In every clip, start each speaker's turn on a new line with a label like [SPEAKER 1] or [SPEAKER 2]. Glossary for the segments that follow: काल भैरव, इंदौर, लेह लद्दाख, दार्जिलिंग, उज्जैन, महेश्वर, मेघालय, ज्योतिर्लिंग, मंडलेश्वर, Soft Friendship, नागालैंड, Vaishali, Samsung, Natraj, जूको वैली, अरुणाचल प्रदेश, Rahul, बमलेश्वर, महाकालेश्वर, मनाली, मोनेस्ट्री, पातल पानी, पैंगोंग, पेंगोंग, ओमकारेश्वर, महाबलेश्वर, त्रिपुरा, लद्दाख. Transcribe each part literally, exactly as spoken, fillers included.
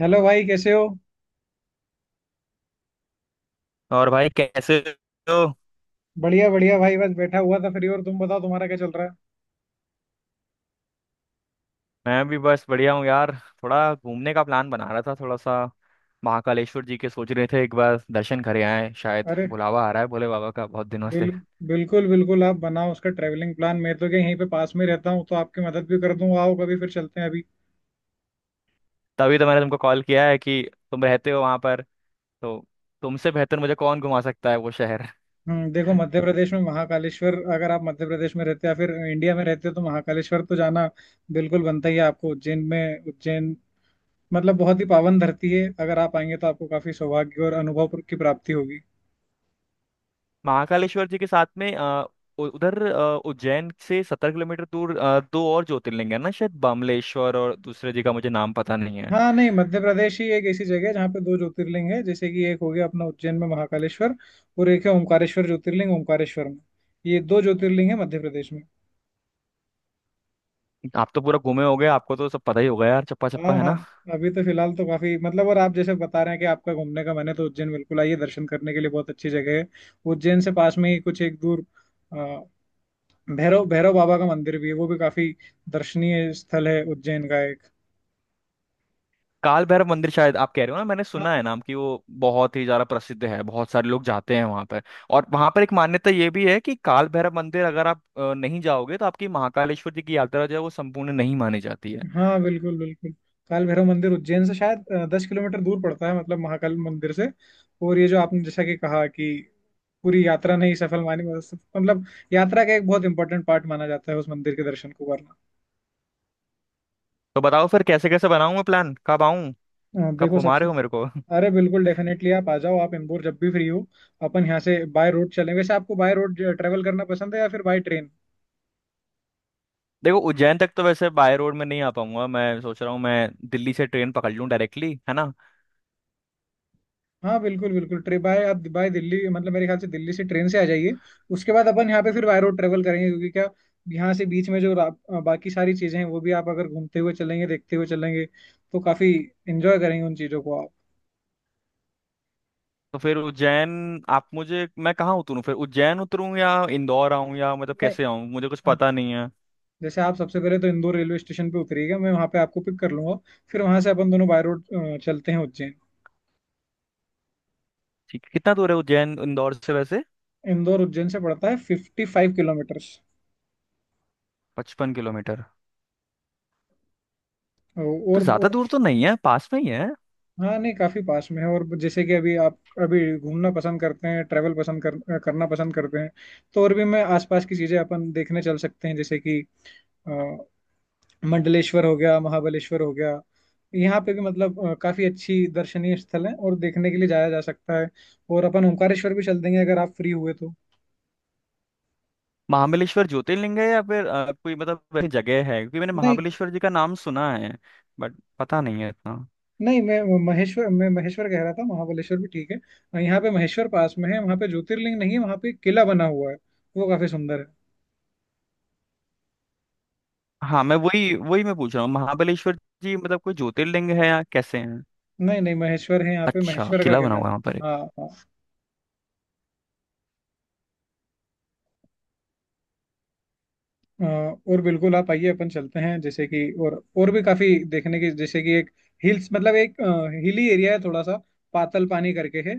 [SPEAKER 1] Hello भाई, कैसे हो?
[SPEAKER 2] और भाई कैसे हो।
[SPEAKER 1] बढ़िया बढ़िया भाई, बस बैठा हुआ था फ्री। और तुम बताओ, तुम्हारा क्या चल रहा है?
[SPEAKER 2] मैं भी बस बढ़िया हूँ यार। थोड़ा घूमने का प्लान बना रहा था, थोड़ा सा। महाकालेश्वर जी के सोच रहे थे एक बार दर्शन करे आए, शायद
[SPEAKER 1] अरे,
[SPEAKER 2] बुलावा आ रहा है भोले बाबा का बहुत दिनों
[SPEAKER 1] बिल,
[SPEAKER 2] से।
[SPEAKER 1] बिल्कुल बिल्कुल, आप बनाओ उसका ट्रैवलिंग प्लान। मैं तो क्या, यहीं पे पास में रहता हूँ तो आपकी मदद भी कर दूँ। आओ कभी, फिर चलते हैं। अभी
[SPEAKER 2] तभी तो मैंने तुमको कॉल किया है कि तुम रहते हो वहां पर, तो तुमसे बेहतर मुझे कौन घुमा सकता है वो शहर।
[SPEAKER 1] हम्म देखो, मध्य प्रदेश में महाकालेश्वर, अगर आप मध्य प्रदेश में रहते या फिर इंडिया में रहते हो तो महाकालेश्वर तो जाना बिल्कुल बनता ही है। आपको उज्जैन में, उज्जैन मतलब बहुत ही पावन धरती है। अगर आप आएंगे तो आपको काफी सौभाग्य और अनुभव की प्राप्ति होगी।
[SPEAKER 2] महाकालेश्वर जी के साथ में अ, उ- उधर अ, उज्जैन से सत्तर किलोमीटर दूर अ, दो और ज्योतिर्लिंग है ना, शायद बमलेश्वर, और दूसरे जी का मुझे नाम पता नहीं है।
[SPEAKER 1] हाँ नहीं, मध्य प्रदेश ही एक ऐसी जगह है जहाँ पे दो ज्योतिर्लिंग है। जैसे कि एक हो गया अपना उज्जैन में महाकालेश्वर, और एक है ओमकारेश्वर, ज्योतिर्लिंग ओमकारेश्वर में। ये दो ज्योतिर्लिंग है मध्य प्रदेश में।
[SPEAKER 2] आप तो पूरा घूमे होगे, आपको तो सब पता ही होगा यार, चप्पा चप्पा
[SPEAKER 1] हाँ
[SPEAKER 2] है
[SPEAKER 1] हाँ।
[SPEAKER 2] ना।
[SPEAKER 1] अभी तो फिलहाल तो काफी मतलब, और आप जैसे बता रहे हैं कि आपका घूमने का मन है, तो उज्जैन बिल्कुल आइए, दर्शन करने के लिए बहुत अच्छी जगह है। उज्जैन से पास में ही कुछ एक दूर अ, भैरव भैरव बाबा का मंदिर भी है, वो भी काफी दर्शनीय स्थल है उज्जैन का एक।
[SPEAKER 2] काल भैरव मंदिर शायद आप कह रहे हो ना, मैंने सुना है नाम कि वो बहुत ही ज्यादा प्रसिद्ध है, बहुत सारे लोग जाते हैं वहां पर। और वहां पर एक मान्यता ये भी है कि काल भैरव मंदिर अगर आप अ, नहीं जाओगे तो आपकी महाकालेश्वर जी की यात्रा जो है वो संपूर्ण नहीं मानी जाती है।
[SPEAKER 1] हाँ बिल्कुल बिल्कुल। काल भैरव मंदिर उज्जैन से शायद दस किलोमीटर दूर पड़ता है, मतलब महाकाल मंदिर से। और ये जो आपने जैसा कि कहा कि पूरी यात्रा नहीं सफल मानी, मतलब मतलब यात्रा का एक बहुत इंपॉर्टेंट पार्ट माना जाता है उस मंदिर के दर्शन को करना।
[SPEAKER 2] तो बताओ फिर कैसे कैसे बनाऊं मैं प्लान, कब आऊं,
[SPEAKER 1] अ,
[SPEAKER 2] कब
[SPEAKER 1] देखो
[SPEAKER 2] घुमा
[SPEAKER 1] सबसे,
[SPEAKER 2] रहे हो मेरे को।
[SPEAKER 1] अरे बिल्कुल डेफिनेटली आप आ जाओ। आप इंदौर जब भी फ्री हो, अपन यहाँ से बाय रोड चलें। वैसे आपको बाय रोड ट्रेवल करना पसंद है या फिर बाय ट्रेन?
[SPEAKER 2] देखो उज्जैन तक तो वैसे बाय रोड में नहीं आ पाऊंगा, मैं सोच रहा हूँ मैं दिल्ली से ट्रेन पकड़ लूँ डायरेक्टली, है ना।
[SPEAKER 1] हाँ बिल्कुल बिल्कुल, ट्रिप बाय आप बाय दिल्ली, मतलब मेरे ख्याल से दिल्ली से ट्रेन से आ जाइए। उसके बाद अपन यहाँ पे फिर बाय रोड ट्रेवल करेंगे, क्योंकि क्या, यहाँ से बीच में जो रा- अ, बाकी सारी चीजें हैं वो भी आप अगर घूमते हुए चलेंगे, देखते हुए चलेंगे तो काफी एंजॉय करेंगे उन चीजों को आप।
[SPEAKER 2] तो फिर उज्जैन, आप मुझे, मैं कहाँ उतरूँ? फिर उज्जैन उतरूँ या इंदौर आऊँ या मतलब
[SPEAKER 1] नहीं।
[SPEAKER 2] कैसे आऊँ? मुझे कुछ
[SPEAKER 1] हाँ,
[SPEAKER 2] पता नहीं है।
[SPEAKER 1] जैसे आप सबसे पहले तो इंदौर रेलवे स्टेशन पे उतरिएगा, मैं वहाँ पे आपको पिक कर लूंगा। फिर वहां से अपन दोनों बाय रोड चलते हैं उज्जैन।
[SPEAKER 2] ठीक है, कितना दूर है उज्जैन इंदौर से वैसे?
[SPEAKER 1] इंदौर उज्जैन से पड़ता है फिफ्टी फाइव किलोमीटर्स।
[SPEAKER 2] पचपन किलोमीटर, तो
[SPEAKER 1] और
[SPEAKER 2] ज्यादा दूर तो नहीं है, पास में ही है।
[SPEAKER 1] हाँ नहीं, काफी पास में है। और जैसे कि अभी आप अभी घूमना पसंद करते हैं, ट्रैवल पसंद कर, करना पसंद करते हैं, तो और भी मैं आसपास की चीजें अपन देखने चल सकते हैं, जैसे कि अ, मंडलेश्वर हो गया, महाबलेश्वर हो गया। यहाँ पे भी मतलब अ, काफी अच्छी दर्शनीय स्थल है और देखने के लिए जाया जा सकता है। और अपन ओंकारेश्वर भी चल देंगे अगर आप फ्री हुए तो।
[SPEAKER 2] महाबलेश्वर ज्योतिर्लिंग है या फिर अ, कोई मतलब वैसी जगह है, क्योंकि मैंने
[SPEAKER 1] नहीं
[SPEAKER 2] महाबलेश्वर जी का नाम सुना है बट पता नहीं है इतना।
[SPEAKER 1] नहीं, मैं महेश्वर मैं महेश्वर कह रहा था। महाबलेश्वर भी ठीक है। यहाँ पे महेश्वर पास में है, वहाँ पे ज्योतिर्लिंग नहीं है, वहाँ पे एक किला बना हुआ है। वो काफी सुंदर है।
[SPEAKER 2] हाँ, मैं वही वही मैं पूछ रहा हूँ, महाबलेश्वर जी मतलब कोई ज्योतिर्लिंग है या कैसे हैं?
[SPEAKER 1] नहीं नहीं, महेश्वर है, यहाँ पे
[SPEAKER 2] अच्छा,
[SPEAKER 1] महेश्वर का
[SPEAKER 2] किला बना
[SPEAKER 1] किला
[SPEAKER 2] हुआ
[SPEAKER 1] है।
[SPEAKER 2] है वहाँ पर एक।
[SPEAKER 1] हाँ हाँ। अ, और बिल्कुल आप आइए, अपन चलते हैं जैसे कि। और और भी काफी देखने की, जैसे कि एक हिल्स मतलब एक अ, हिली एरिया है थोड़ा सा, पातल पानी करके है।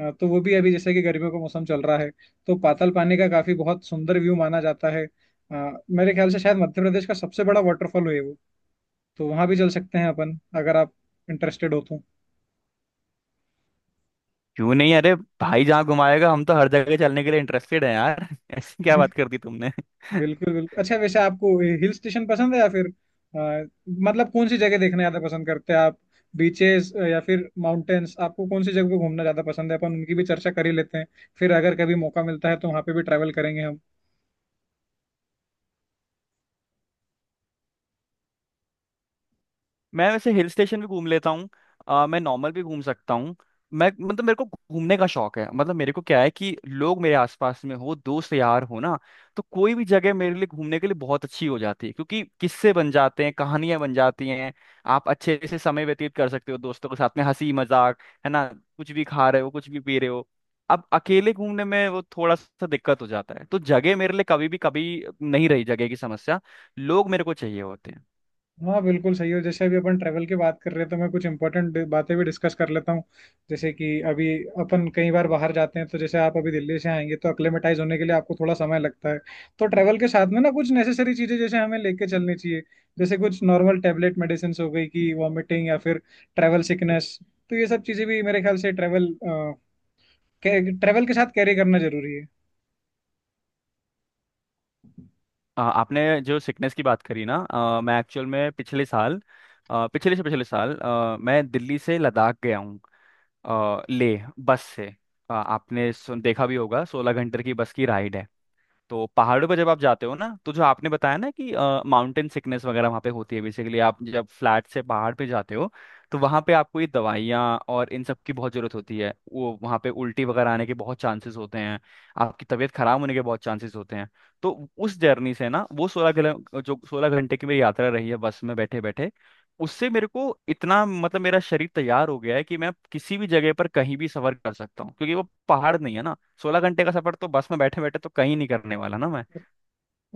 [SPEAKER 1] अ, तो वो भी अभी जैसे कि गर्मियों का मौसम चल रहा है तो पातल पानी का काफी बहुत सुंदर व्यू माना जाता है। अ, मेरे ख्याल से शायद मध्य प्रदेश का सबसे बड़ा वाटरफॉल है वो। तो वहां भी चल सकते हैं अपन अगर आप इंटरेस्टेड हो तो।
[SPEAKER 2] क्यों नहीं! अरे भाई, जहाँ घुमाएगा हम तो हर जगह चलने के लिए इंटरेस्टेड है यार। ऐसी क्या बात कर दी तुमने।
[SPEAKER 1] बिल्कुल बिल्कुल। अच्छा वैसे आपको हिल स्टेशन पसंद है या फिर अ, मतलब कौन सी जगह देखना ज्यादा पसंद करते हैं आप? बीचेस या फिर माउंटेन्स, आपको कौन सी जगह पे घूमना ज्यादा पसंद है? अपन उनकी भी चर्चा कर ही लेते हैं, फिर अगर कभी मौका मिलता है तो वहां पे भी ट्रैवल करेंगे हम।
[SPEAKER 2] मैं वैसे हिल स्टेशन भी घूम लेता हूँ, अ, मैं नॉर्मल भी घूम सकता हूँ। मैं मतलब मेरे को घूमने का शौक है, मतलब मेरे को क्या है कि लोग मेरे आसपास में हो, दोस्त यार हो ना, तो कोई भी जगह मेरे लिए घूमने के लिए बहुत अच्छी हो जाती है, क्योंकि किस्से बन जाते हैं, कहानियां बन जाती हैं। आप अच्छे से समय व्यतीत कर सकते हो दोस्तों के साथ में, हंसी मजाक है ना, कुछ भी खा रहे हो, कुछ भी पी रहे हो। अब अकेले घूमने में वो थोड़ा सा दिक्कत हो जाता है, तो जगह मेरे लिए कभी भी, कभी नहीं रही जगह की समस्या, लोग मेरे को चाहिए होते हैं।
[SPEAKER 1] हाँ बिल्कुल सही हो। जैसे अभी अपन ट्रैवल की बात कर रहे हैं, तो मैं कुछ इंपॉर्टेंट बातें भी डिस्कस कर लेता हूँ। जैसे कि अभी अपन कई बार बाहर जाते हैं, तो जैसे आप अभी दिल्ली से आएंगे तो अक्लेमेटाइज होने के लिए आपको थोड़ा समय लगता है। तो ट्रैवल के साथ में ना कुछ नेसेसरी चीजें जैसे हमें लेके चलनी चाहिए। जैसे कुछ नॉर्मल टेबलेट मेडिसिन हो गई, कि वॉमिटिंग या फिर ट्रैवल सिकनेस। तो ये सब चीजें भी मेरे ख्याल से ट्रैवल ट्रैवल के travel के साथ कैरी करना जरूरी है।
[SPEAKER 2] आ, आपने जो सिकनेस की बात करी ना, आ, मैं एक्चुअल में पिछले साल, आ, पिछले से पिछले साल आ, मैं दिल्ली से लद्दाख गया हूँ। आ, ले बस से। आ, आपने सुन देखा भी होगा, सोलह घंटे की बस की राइड है। तो पहाड़ों पर जब आप जाते हो ना, तो जो आपने बताया ना कि माउंटेन सिकनेस वगैरह वहाँ पे होती है, बेसिकली आप जब फ्लैट से पहाड़ पे जाते हो तो वहाँ पे आपको ये दवाइयाँ और इन सब की बहुत ज़रूरत होती है। वो वहाँ पे उल्टी वगैरह आने के बहुत चांसेस होते हैं, आपकी तबीयत खराब होने के बहुत चांसेस होते हैं। तो उस जर्नी से ना, वो सोलह किलो जो सोलह घंटे की मेरी यात्रा रही है बस में बैठे बैठे, उससे मेरे को इतना, मतलब मेरा शरीर तैयार हो गया है कि मैं किसी भी जगह पर कहीं भी सफर कर सकता हूँ, क्योंकि वो पहाड़ नहीं है ना। सोलह घंटे का सफर तो बस में बैठे बैठे, तो कहीं नहीं करने वाला ना मैं।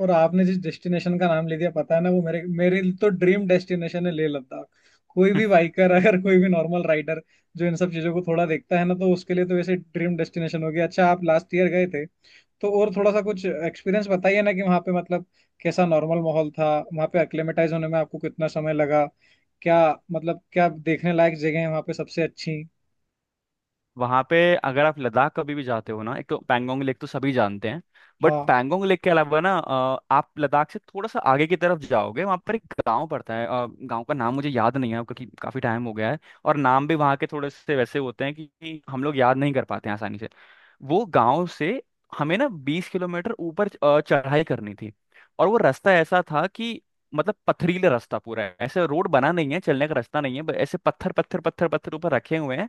[SPEAKER 1] और आपने जिस डेस्टिनेशन का नाम ले दिया पता है ना, वो मेरे मेरे लिए तो ड्रीम डेस्टिनेशन है, लेह लद्दाख। कोई भी बाइकर, अगर कोई भी नॉर्मल राइडर, जो इन सब चीजों को थोड़ा देखता है ना, तो उसके लिए तो वैसे ड्रीम डेस्टिनेशन हो गया। अच्छा आप लास्ट ईयर गए थे, तो और थोड़ा सा कुछ एक्सपीरियंस बताइए ना, कि वहाँ पे मतलब कैसा नॉर्मल माहौल था, वहाँ पे एक्लेमेटाइज होने में आपको कितना समय लगा, क्या मतलब क्या देखने लायक जगह है वहाँ पे सबसे अच्छी?
[SPEAKER 2] वहाँ पे, अगर आप लद्दाख कभी भी जाते हो ना, एक तो पैंगोंग लेक तो सभी जानते हैं, बट
[SPEAKER 1] हाँ
[SPEAKER 2] पैंगोंग लेक के अलावा ना अ, आप लद्दाख से थोड़ा सा आगे की तरफ जाओगे, वहाँ पर एक गांव पड़ता है, अ, गांव का नाम मुझे याद नहीं है, क्योंकि काफ़ी टाइम हो गया है। और नाम भी वहाँ के थोड़े से वैसे होते हैं कि कि हम लोग याद नहीं कर पाते हैं आसानी से। वो गांव से हमें ना बीस किलोमीटर ऊपर अ, चढ़ाई करनी थी, और वो रास्ता ऐसा था कि मतलब पथरीला रास्ता पूरा है, ऐसे रोड बना नहीं है, चलने का रास्ता नहीं है, ब- ऐसे पत्थर पत्थर पत्थर पत्थर ऊपर रखे हुए हैं।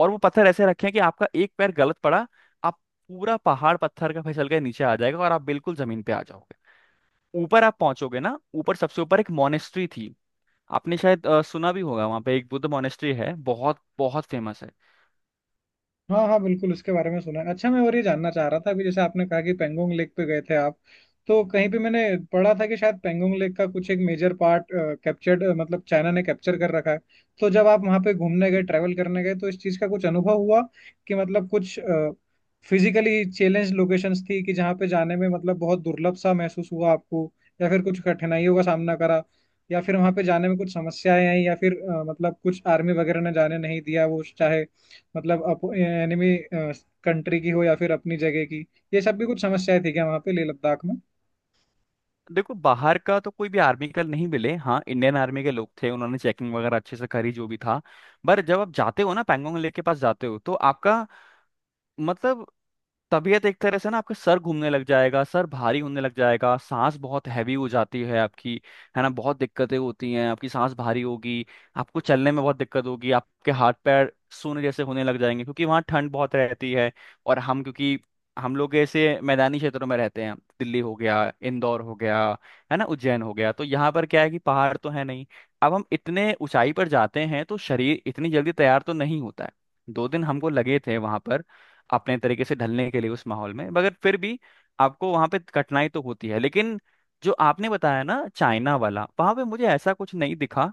[SPEAKER 2] और वो पत्थर ऐसे रखे हैं कि आपका एक पैर गलत पड़ा, आप पूरा पहाड़ पत्थर का फिसल के नीचे आ जाएगा और आप बिल्कुल जमीन पे आ जाओगे। ऊपर आप पहुंचोगे ना, ऊपर सबसे ऊपर एक मोनेस्ट्री थी, आपने शायद अ, सुना भी होगा, वहां पे एक बुद्ध मोनेस्ट्री है, बहुत बहुत फेमस है।
[SPEAKER 1] हाँ। हाँ बिल्कुल, उसके बारे में सुना है। अच्छा मैं और ये जानना चाह रहा था, अभी जैसे आपने कहा कि पेंगोंग लेक पे गए थे आप, तो कहीं पे मैंने पढ़ा था कि शायद पेंगोंग लेक का कुछ एक मेजर पार्ट कैप्चर्ड, मतलब चाइना ने कैप्चर कर रखा है। तो जब आप वहाँ पे घूमने गए, ट्रैवल करने गए, तो इस चीज़ का कुछ अनुभव हुआ कि मतलब कुछ फिजिकली चैलेंज लोकेशंस थी, कि जहाँ पे जाने में मतलब बहुत दुर्लभ सा महसूस हुआ आपको, या फिर कुछ कठिनाइयों का सामना करा, या फिर वहाँ पे जाने में कुछ समस्याएं आई, या फिर अ, मतलब कुछ आर्मी वगैरह ने जाने नहीं दिया, वो चाहे मतलब अप एनिमी कंट्री की हो या फिर अपनी जगह की? ये सब भी कुछ समस्याएं थी क्या वहाँ पे लेह लद्दाख में?
[SPEAKER 2] देखो बाहर का तो कोई भी आर्मी का नहीं मिले, हाँ इंडियन आर्मी के लोग थे, उन्होंने चेकिंग वगैरह अच्छे से करी जो भी था। पर जब आप जाते हो ना पैंगोंग लेक के पास जाते हो, तो आपका मतलब तबीयत एक तरह से ना, आपका सर घूमने लग जाएगा, सर भारी होने लग जाएगा, सांस बहुत हैवी हो जाती है आपकी, है ना। बहुत दिक्कतें होती हैं, आपकी सांस भारी होगी, आपको चलने में बहुत दिक्कत होगी, आपके हाथ पैर सूने जैसे होने लग जाएंगे, क्योंकि वहाँ ठंड बहुत रहती है। और हम क्योंकि, हम लोग ऐसे मैदानी क्षेत्रों में रहते हैं, दिल्ली हो गया, इंदौर हो गया, है ना उज्जैन हो गया, तो यहाँ पर क्या है कि पहाड़ तो है नहीं। अब हम इतने ऊंचाई पर जाते हैं तो शरीर इतनी जल्दी तैयार तो नहीं होता है। दो दिन हमको लगे थे वहां पर अपने तरीके से ढलने के लिए उस माहौल में, मगर फिर भी आपको वहां पे कठिनाई तो होती है। लेकिन जो आपने बताया ना चाइना वाला, वहां पे मुझे ऐसा कुछ नहीं दिखा,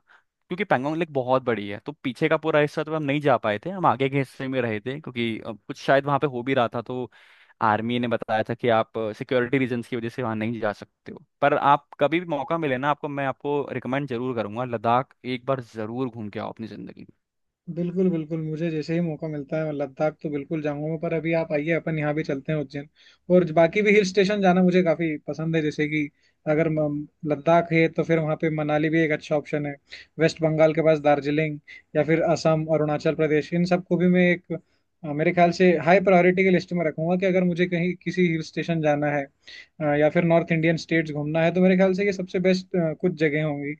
[SPEAKER 2] क्योंकि पैंगोंग लेक बहुत बड़ी है, तो पीछे का पूरा हिस्सा तो हम नहीं जा पाए थे, हम आगे के हिस्से में रहे थे, क्योंकि अ, कुछ शायद वहां पे हो भी रहा था, तो आर्मी ने बताया था कि आप सिक्योरिटी रीजंस की वजह से वहां नहीं जा सकते हो। पर आप कभी भी मौका मिले ना, आपको मैं आपको रिकमेंड जरूर करूंगा, लद्दाख एक बार जरूर घूम के आओ अपनी जिंदगी में।
[SPEAKER 1] बिल्कुल बिल्कुल, मुझे जैसे ही मौका मिलता है मैं लद्दाख तो बिल्कुल जाऊंगा। पर अभी आप आइए, अपन यहाँ भी चलते हैं उज्जैन। और बाकी भी हिल स्टेशन जाना मुझे काफी पसंद है, जैसे कि अगर म- लद्दाख है तो फिर वहाँ पे मनाली भी एक अच्छा ऑप्शन है। वेस्ट बंगाल के पास दार्जिलिंग, या फिर असम, अरुणाचल प्रदेश, इन सबको भी मैं एक अ, मेरे ख्याल से हाई प्रायोरिटी की लिस्ट में रखूंगा, कि अगर मुझे कहीं किसी हिल स्टेशन जाना है, हाँ, या फिर नॉर्थ इंडियन स्टेट्स घूमना है, तो मेरे ख्याल से ये सबसे बेस्ट कुछ जगह होंगी।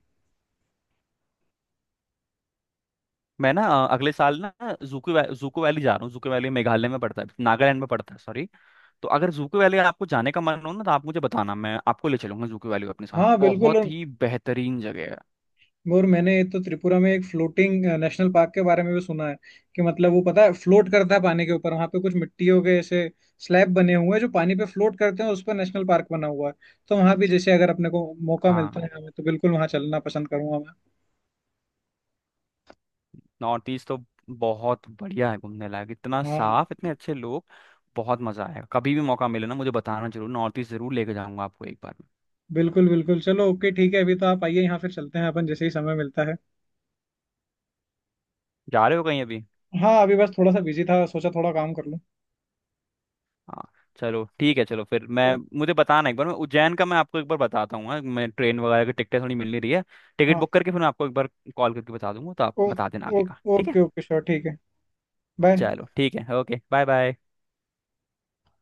[SPEAKER 2] मैं ना अ, अगले साल ना जूको वै, जूको वैली जा रहा हूँ। जूको वैली मेघालय में पड़ता है, नागालैंड में पड़ता है सॉरी। तो अगर जूको वैली आपको जाने का मन हो ना, तो आप मुझे बताना, मैं आपको ले चलूंगा जूको वैली अपने साथ,
[SPEAKER 1] हाँ बिल्कुल।
[SPEAKER 2] बहुत
[SPEAKER 1] और
[SPEAKER 2] ही बेहतरीन जगह है।
[SPEAKER 1] और मैंने तो त्रिपुरा में एक फ्लोटिंग नेशनल पार्क के बारे में भी सुना है, कि मतलब वो पता है फ्लोट करता है पानी के ऊपर। वहां पे कुछ मिट्टियों के ऐसे स्लैब बने हुए हैं जो पानी पे फ्लोट करते हैं और उस पर नेशनल पार्क बना हुआ है। तो वहां भी जैसे अगर अपने को मौका मिलता
[SPEAKER 2] हाँ,
[SPEAKER 1] है हमें, तो बिल्कुल वहां चलना पसंद करूंगा मैं।
[SPEAKER 2] नॉर्थ ईस्ट तो बहुत बढ़िया है घूमने लायक, इतना
[SPEAKER 1] हाँ
[SPEAKER 2] साफ, इतने अच्छे लोग। बहुत मजा आएगा, कभी भी मौका मिले ना मुझे बताना जरूर, नॉर्थ ईस्ट जरूर लेके जाऊंगा आपको एक बार।
[SPEAKER 1] बिल्कुल बिल्कुल। चलो, ओके ठीक है, अभी तो आप आइए यहाँ, फिर चलते हैं अपन जैसे ही समय मिलता है।
[SPEAKER 2] जा रहे हो कहीं अभी?
[SPEAKER 1] हाँ अभी बस थोड़ा सा बिजी था, सोचा थोड़ा काम कर लूँ।
[SPEAKER 2] हाँ। चलो ठीक है, चलो फिर मैं,
[SPEAKER 1] ओ,
[SPEAKER 2] मुझे बताना एक बार, मैं उज्जैन का मैं आपको एक बार बताता हूँ। हाँ, मैं ट्रेन वगैरह की टिकटें थोड़ी मिल नहीं रही है, टिकट
[SPEAKER 1] हाँ।
[SPEAKER 2] बुक करके फिर मैं आपको एक बार कॉल करके बता दूंगा, तो आप
[SPEAKER 1] ओ,
[SPEAKER 2] बता देना
[SPEAKER 1] ओ,
[SPEAKER 2] आगे का, ठीक है।
[SPEAKER 1] ओके ओके श्योर, ठीक है। बाय।
[SPEAKER 2] चलो ठीक है, ओके, बाय बाय।